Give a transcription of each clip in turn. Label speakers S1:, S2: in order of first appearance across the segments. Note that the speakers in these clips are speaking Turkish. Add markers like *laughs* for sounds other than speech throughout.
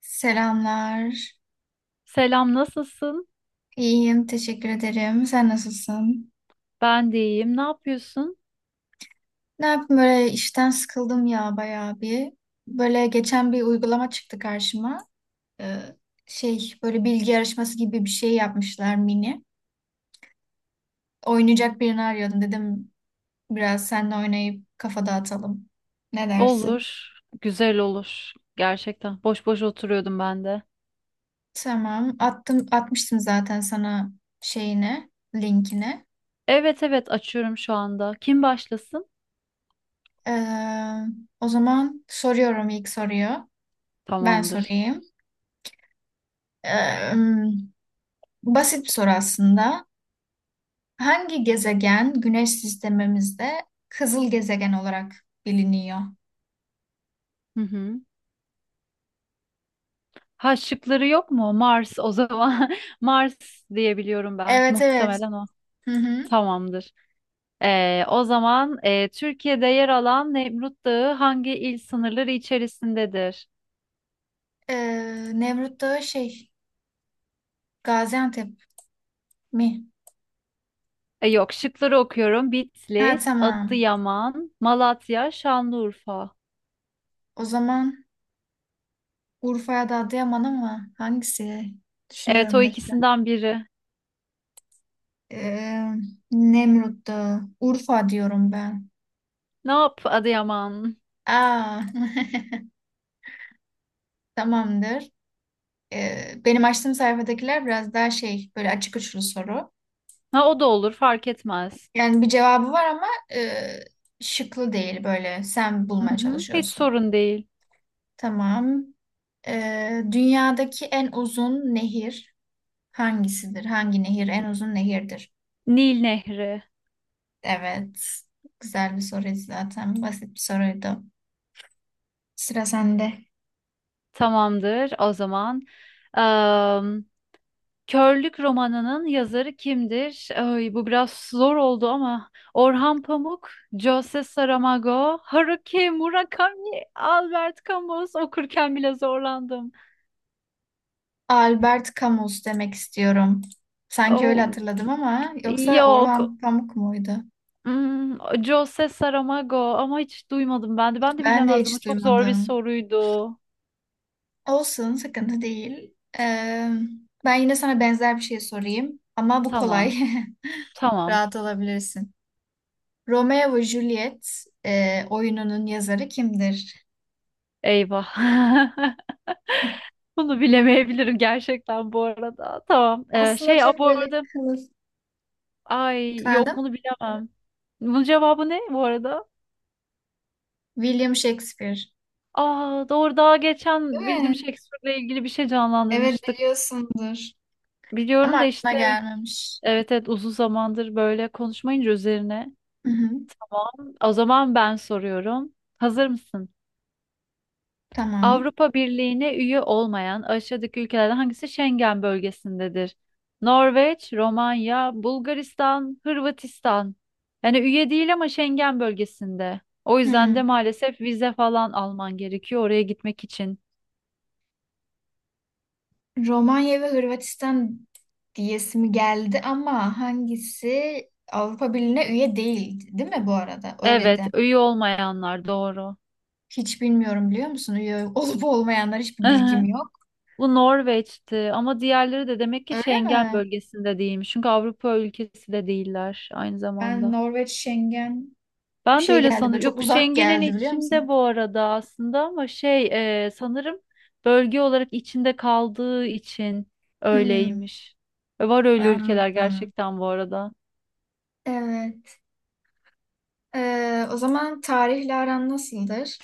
S1: Selamlar.
S2: Selam, nasılsın?
S1: İyiyim, teşekkür ederim. Sen nasılsın?
S2: Ben de iyiyim. Ne yapıyorsun?
S1: Ne yapayım böyle işten sıkıldım ya bayağı bir. Böyle geçen bir uygulama çıktı karşıma. Ee, şey böyle bilgi yarışması gibi bir şey yapmışlar mini. Oynayacak birini arıyordum dedim biraz seninle oynayıp kafa dağıtalım. Ne dersin?
S2: Olur, güzel olur. Gerçekten. Boş boş oturuyordum ben de.
S1: Tamam. Atmıştım zaten sana şeyine, linkini.
S2: Evet evet, açıyorum şu anda. Kim başlasın?
S1: Ee, o zaman soruyorum ilk soruyu. Ben
S2: Tamamdır.
S1: sorayım. Ee, basit bir soru aslında. Hangi gezegen Güneş sistemimizde kızıl gezegen olarak biliniyor?
S2: Hı hı. Ha, şıkları yok mu? Mars o zaman. *laughs* Mars diyebiliyorum ben.
S1: Evet, evet.
S2: Muhtemelen o.
S1: Hı hı.
S2: Tamamdır. O zaman Türkiye'de yer alan Nemrut Dağı hangi il sınırları içerisindedir?
S1: Nemrut Dağı şey Gaziantep mi?
S2: Yok, şıkları okuyorum.
S1: Ha,
S2: Bitlis,
S1: tamam.
S2: Adıyaman, Malatya, Şanlıurfa.
S1: O zaman Urfa ya da Adıyaman, ama hangisi?
S2: Evet,
S1: Düşünüyorum
S2: o
S1: bir dakika.
S2: ikisinden biri.
S1: Ee, Nemrut Dağı. Urfa diyorum ben.
S2: Ne yap, Adıyaman?
S1: Aa. *laughs* Tamamdır. Benim açtığım sayfadakiler biraz daha şey böyle açık uçlu soru.
S2: Ha, o da olur, fark etmez.
S1: Yani bir cevabı var ama e, şıklı değil böyle. Sen
S2: Hı
S1: bulmaya
S2: hı, hiç
S1: çalışıyorsun.
S2: sorun değil.
S1: Tamam. Dünyadaki en uzun nehir hangisidir? Hangi nehir en uzun nehirdir?
S2: Nil Nehri.
S1: Evet. Güzel bir soruydu zaten. Basit bir soruydu. Sıra sende.
S2: Tamamdır o zaman. Am, Körlük romanının yazarı kimdir? Ay, bu biraz zor oldu ama Orhan Pamuk, Jose Saramago, Haruki Murakami, Albert Camus okurken bile zorlandım.
S1: Albert Camus demek istiyorum. Sanki öyle
S2: Oh,
S1: hatırladım, ama yoksa
S2: yok.
S1: Orhan Pamuk muydu?
S2: Hmm, Jose Saramago, ama hiç duymadım ben de. Ben de
S1: Ben de
S2: bilemezdim. Bu
S1: hiç
S2: çok zor bir
S1: duymadım.
S2: soruydu.
S1: Olsun, sıkıntı değil. Ee, ben yine sana benzer bir şey sorayım, ama bu kolay.
S2: Tamam.
S1: *laughs*
S2: Tamam.
S1: Rahat olabilirsin. Romeo ve Juliet oyununun yazarı kimdir?
S2: Eyvah. *laughs* Bunu bilemeyebilirim gerçekten bu arada. Tamam.
S1: Aslında
S2: Şey, aa,
S1: çok
S2: bu
S1: böyle
S2: arada,
S1: kılıf.
S2: ay yok,
S1: Efendim?
S2: bunu bilemem. Bunun cevabı ne bu arada?
S1: William Shakespeare,
S2: Aa, doğru, daha
S1: değil
S2: geçen William
S1: mi?
S2: Shakespeare'le ilgili bir şey
S1: Evet,
S2: canlandırmıştık.
S1: biliyorsundur. Ama
S2: Biliyorum da
S1: aklına
S2: işte,
S1: gelmemiş.
S2: evet evet, uzun zamandır böyle konuşmayınca üzerine.
S1: Hı hı,
S2: O zaman ben soruyorum. Hazır mısın?
S1: tamam.
S2: Avrupa Birliği'ne üye olmayan aşağıdaki ülkelerden hangisi Schengen bölgesindedir? Norveç, Romanya, Bulgaristan, Hırvatistan. Yani üye değil ama Schengen bölgesinde. O
S1: Hmm.
S2: yüzden de maalesef vize falan alman gerekiyor oraya gitmek için.
S1: Romanya ve Hırvatistan diyesimi geldi, ama hangisi Avrupa Birliği'ne üye değil, değil mi bu arada? Öyle
S2: Evet,
S1: de.
S2: üye olmayanlar doğru.
S1: Hiç bilmiyorum, biliyor musun? Üye olup olmayanlar hiçbir bilgim
S2: *laughs*
S1: yok.
S2: Bu Norveç'ti ama diğerleri de demek ki
S1: Öyle
S2: Schengen
S1: mi?
S2: bölgesinde değilmiş. Çünkü Avrupa ülkesi de değiller aynı
S1: Ben
S2: zamanda.
S1: Norveç, Schengen bir
S2: Ben de
S1: şey
S2: öyle
S1: geldi böyle,
S2: sanırım.
S1: çok
S2: Yok,
S1: uzak
S2: Schengen'in
S1: geldi biliyor
S2: içinde
S1: musun?
S2: bu arada aslında, ama şey, sanırım bölge olarak içinde kaldığı için
S1: Hmm,
S2: öyleymiş. Var öyle ülkeler
S1: anladım.
S2: gerçekten bu arada.
S1: Evet. O zaman tarihle aran nasıldır?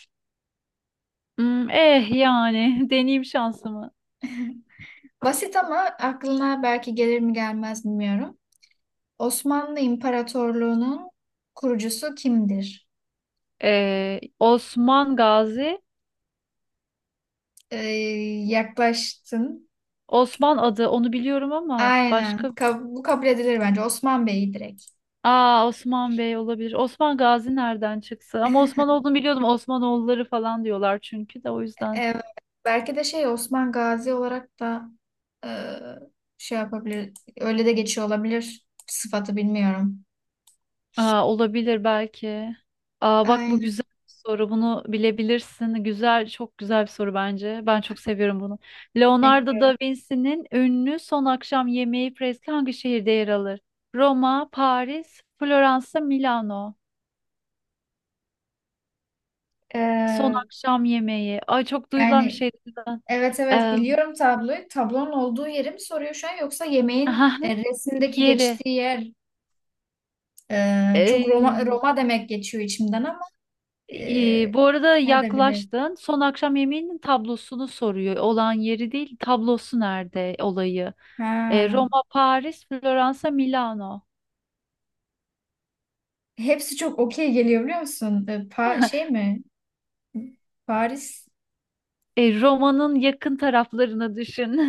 S2: Hmm, eh yani, *laughs* deneyim şansımı.
S1: Basit, ama aklına belki gelir mi gelmez bilmiyorum. Osmanlı İmparatorluğu'nun kurucusu kimdir?
S2: Osman Gazi,
S1: Ee, yaklaştın.
S2: Osman adı, onu biliyorum ama
S1: Aynen.
S2: başka...
S1: Bu kabul edilir bence. Osman Bey'i direkt.
S2: Aa, Osman Bey olabilir. Osman Gazi nereden çıksa? Ama Osman olduğunu biliyordum. Osmanoğulları falan diyorlar çünkü de, o yüzden.
S1: Evet, belki de şey Osman Gazi olarak da e, şey yapabilir. Öyle de geçiyor olabilir. Sıfatı bilmiyorum.
S2: Aa, olabilir belki. Aa, bak, bu
S1: Aynen,
S2: güzel bir soru. Bunu bilebilirsin. Güzel, çok güzel bir soru bence. Ben çok seviyorum bunu. Leonardo
S1: bekliyorum.
S2: da Vinci'nin ünlü Son Akşam Yemeği freski hangi şehirde yer alır? Roma, Paris, Floransa, Milano. Son
S1: E,
S2: Akşam Yemeği. Ay, çok duyulan bir
S1: yani
S2: şey zaten.
S1: evet, evet
S2: Ee,
S1: biliyorum tabloyu. Tablonun olduğu yeri mi soruyor şu an, yoksa yemeğin
S2: *laughs*
S1: resimdeki
S2: yeri.
S1: geçtiği yer. Çok Roma
S2: Ee,
S1: Roma demek geçiyor içimden, ama e,
S2: Bu arada
S1: nerede bilir.
S2: yaklaştın. Son akşam yemeğinin tablosunu soruyor. Olan yeri değil, tablosu nerede olayı.
S1: Ha.
S2: Roma, Paris, Floransa, Milano.
S1: Hepsi çok okey geliyor, biliyor musun? E, Pa şey
S2: *laughs*
S1: mi? Paris,
S2: Roma'nın yakın taraflarını düşün.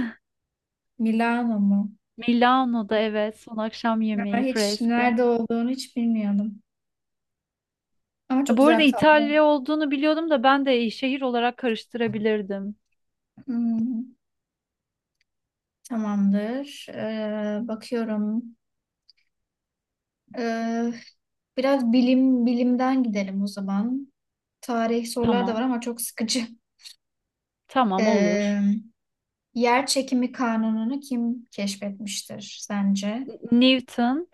S1: Milano mu?
S2: *laughs* Milano'da, evet, son akşam
S1: Ama
S2: yemeği
S1: hiç
S2: freski.
S1: nerede olduğunu hiç bilmiyordum. Ama çok
S2: Bu
S1: güzel
S2: arada
S1: bir tablo.
S2: İtalya olduğunu biliyordum da, ben de şehir olarak karıştırabilirdim.
S1: Hmm, tamamdır. Bakıyorum. Ee, biraz bilim bilimden gidelim o zaman. Tarih sorular da var
S2: Tamam.
S1: ama çok sıkıcı.
S2: Tamam, olur.
S1: Ee, yer çekimi kanununu kim keşfetmiştir sence?
S2: Newton.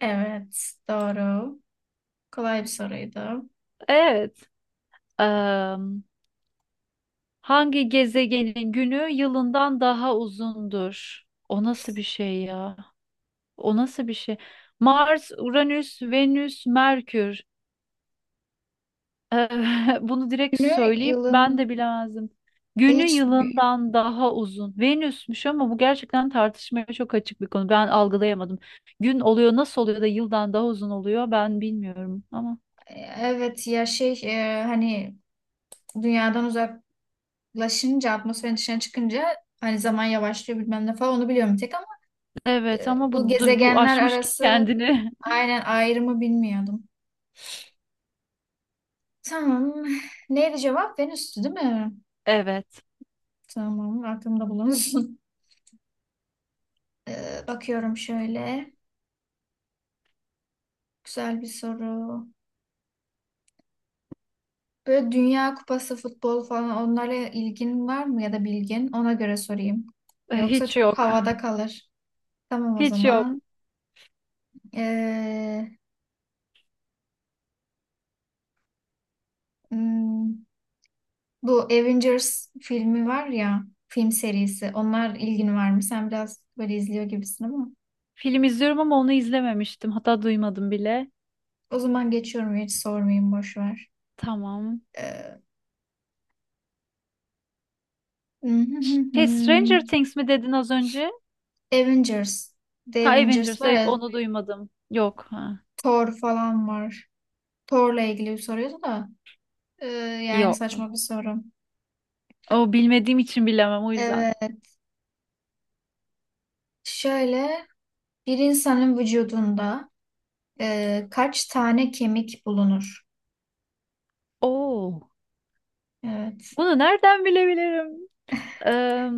S1: Evet, doğru. Kolay bir soruydu.
S2: Evet. Am, Hangi gezegenin günü yılından daha uzundur? O nasıl bir şey ya? O nasıl bir şey? Mars, Uranüs, Venüs, Merkür. *laughs* Bunu direkt
S1: Günü
S2: söyleyeyim, ben
S1: yılın,
S2: de bilemezdim. Günü
S1: hiç.
S2: yılından daha uzun. Venüsmüş, ama bu gerçekten tartışmaya çok açık bir konu. Ben algılayamadım. Gün oluyor, nasıl oluyor da yıldan daha uzun oluyor, ben bilmiyorum ama.
S1: Evet ya şey, hani dünyadan uzak laşınca atmosferin dışına çıkınca, hani zaman yavaşlıyor bilmem ne falan onu biliyorum bir tek, ama
S2: Evet ama bu,
S1: bu
S2: bu
S1: gezegenler
S2: aşmış
S1: arası
S2: kendini. *laughs*
S1: aynen ayrımı bilmiyordum. Tamam. Neydi cevap? Venüs'tü, değil mi?
S2: Evet.
S1: Tamam, aklımda bulunsun. *laughs* Bakıyorum şöyle. Güzel bir soru. Böyle Dünya Kupası futbol falan, onlara ilgin var mı ya da bilgin? Ona göre sorayım. Yoksa
S2: Hiç
S1: çok
S2: yok.
S1: havada kalır. Tamam o
S2: Hiç yok.
S1: zaman. E, hmm, Bu Avengers filmi var ya, film serisi. Onlar ilgin var mı? Sen biraz böyle izliyor gibisin ama.
S2: Film izliyorum ama onu izlememiştim. Hatta duymadım bile.
S1: O zaman geçiyorum, hiç sormayayım, boş ver.
S2: Tamam.
S1: Ee, *laughs*
S2: Şey, Stranger Things mi dedin az önce?
S1: Avengers. The
S2: Ha,
S1: Avengers
S2: Avengers.
S1: var
S2: Hayır,
S1: ya,
S2: onu duymadım. Yok. Ha.
S1: Thor falan var. Thor'la ilgili bir soruyordu da. ee, Yani
S2: Yok.
S1: saçma bir soru.
S2: O, bilmediğim için bilemem o yüzden.
S1: Evet, şöyle bir insanın vücudunda kaç tane kemik bulunur?
S2: Oo,
S1: Evet.
S2: bunu nereden bilebilirim? Eee,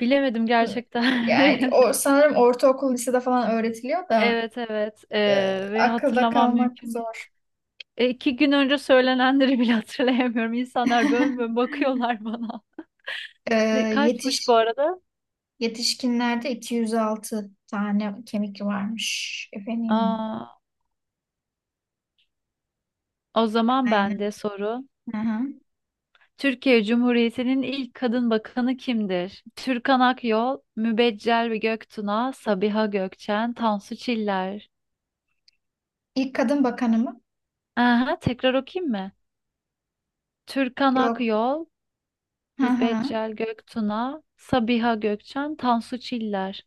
S2: Bilemedim gerçekten.
S1: Yani o
S2: *laughs*
S1: sanırım ortaokul lisede falan öğretiliyor da
S2: Evet evet. Ve
S1: akılda
S2: hatırlamam
S1: kalmak
S2: mümkün değil.
S1: zor.
S2: İki gün önce söylenenleri bile *laughs* hatırlayamıyorum. İnsanlar bön bön
S1: *laughs*
S2: bakıyorlar bana.
S1: E,
S2: Ne kaçmış bu
S1: yetiş
S2: arada?
S1: yetişkinlerde 206 tane kemik varmış efendim.
S2: Aa, o zaman
S1: Aynen.
S2: bende soru.
S1: Hı hı.
S2: Türkiye Cumhuriyeti'nin ilk kadın bakanı kimdir? Türkan Akyol, Mübeccel Göktuna, Sabiha Gökçen, Tansu Çiller.
S1: İlk kadın bakanı mı?
S2: Aha, tekrar okuyayım mı? Türkan
S1: Yok.
S2: Akyol,
S1: Hı hı.
S2: Mübeccel Göktuna, Sabiha Gökçen, Tansu Çiller.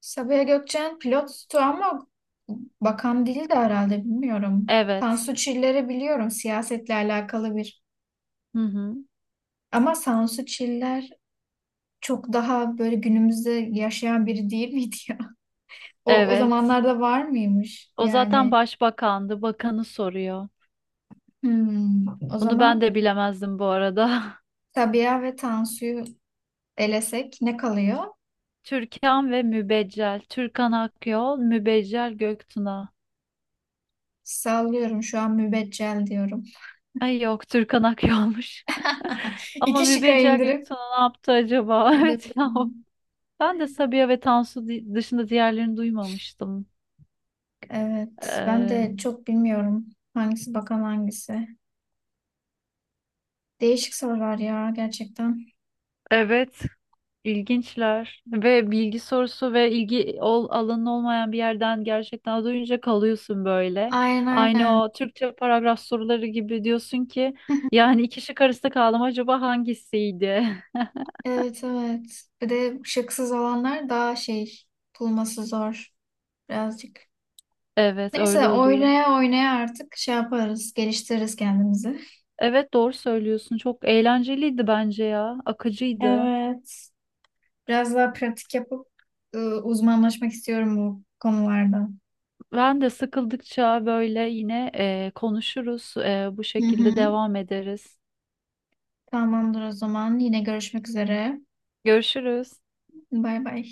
S1: Sabiha Gökçen pilottu, ama bakan değil de herhalde, bilmiyorum.
S2: Evet.
S1: Tansu Çiller'i biliyorum, siyasetle alakalı bir.
S2: Hı hı.
S1: Ama Tansu Çiller çok daha böyle günümüzde yaşayan biri değil miydi ya? *laughs* O
S2: Evet.
S1: zamanlarda var mıymış?
S2: O zaten
S1: Yani.
S2: başbakandı. Bakanı soruyor.
S1: Hmm, o
S2: Bunu ben
S1: zaman
S2: de bilemezdim bu arada.
S1: Sabiha ve Tansu'yu elesek ne kalıyor?
S2: *laughs* Türkan ve Mübeccel. Türkan Akyol, Mübeccel Göktuna.
S1: Sallıyorum şu an, mübeccel diyorum.
S2: Ay yok, Türkan Akyol'muş. *laughs*
S1: *laughs*
S2: Ama
S1: İki şıka
S2: Mübeccel
S1: indirip
S2: Göktuna ne yaptı acaba? *laughs* Evet ya.
S1: edebilirim.
S2: Ben de Sabiha ve Tansu dışında diğerlerini duymamıştım.
S1: Evet, ben
S2: Eee,
S1: de çok bilmiyorum hangisi bakan hangisi. Değişik sorular ya, gerçekten.
S2: evet. İlginçler ve bilgi sorusu ve ilgi alanın olmayan bir yerden gerçekten duyunca kalıyorsun böyle.
S1: Aynen,
S2: Aynı
S1: aynen.
S2: o Türkçe paragraf soruları gibi, diyorsun ki
S1: *laughs*
S2: yani iki şık arasında kaldım, acaba hangisiydi? *laughs*
S1: Evet, evet. Bir de şıksız olanlar daha şey, bulması zor birazcık.
S2: Evet, öyle
S1: Neyse,
S2: oluyor.
S1: oynaya oynaya artık şey yaparız, geliştiririz kendimizi.
S2: Evet, doğru söylüyorsun, çok eğlenceliydi bence ya, akıcıydı.
S1: Evet. Biraz daha pratik yapıp uzmanlaşmak istiyorum bu konularda.
S2: Ben de sıkıldıkça böyle yine konuşuruz, bu
S1: Hı hı.
S2: şekilde devam ederiz.
S1: Tamamdır o zaman. Yine görüşmek üzere.
S2: Görüşürüz.
S1: Bay bay.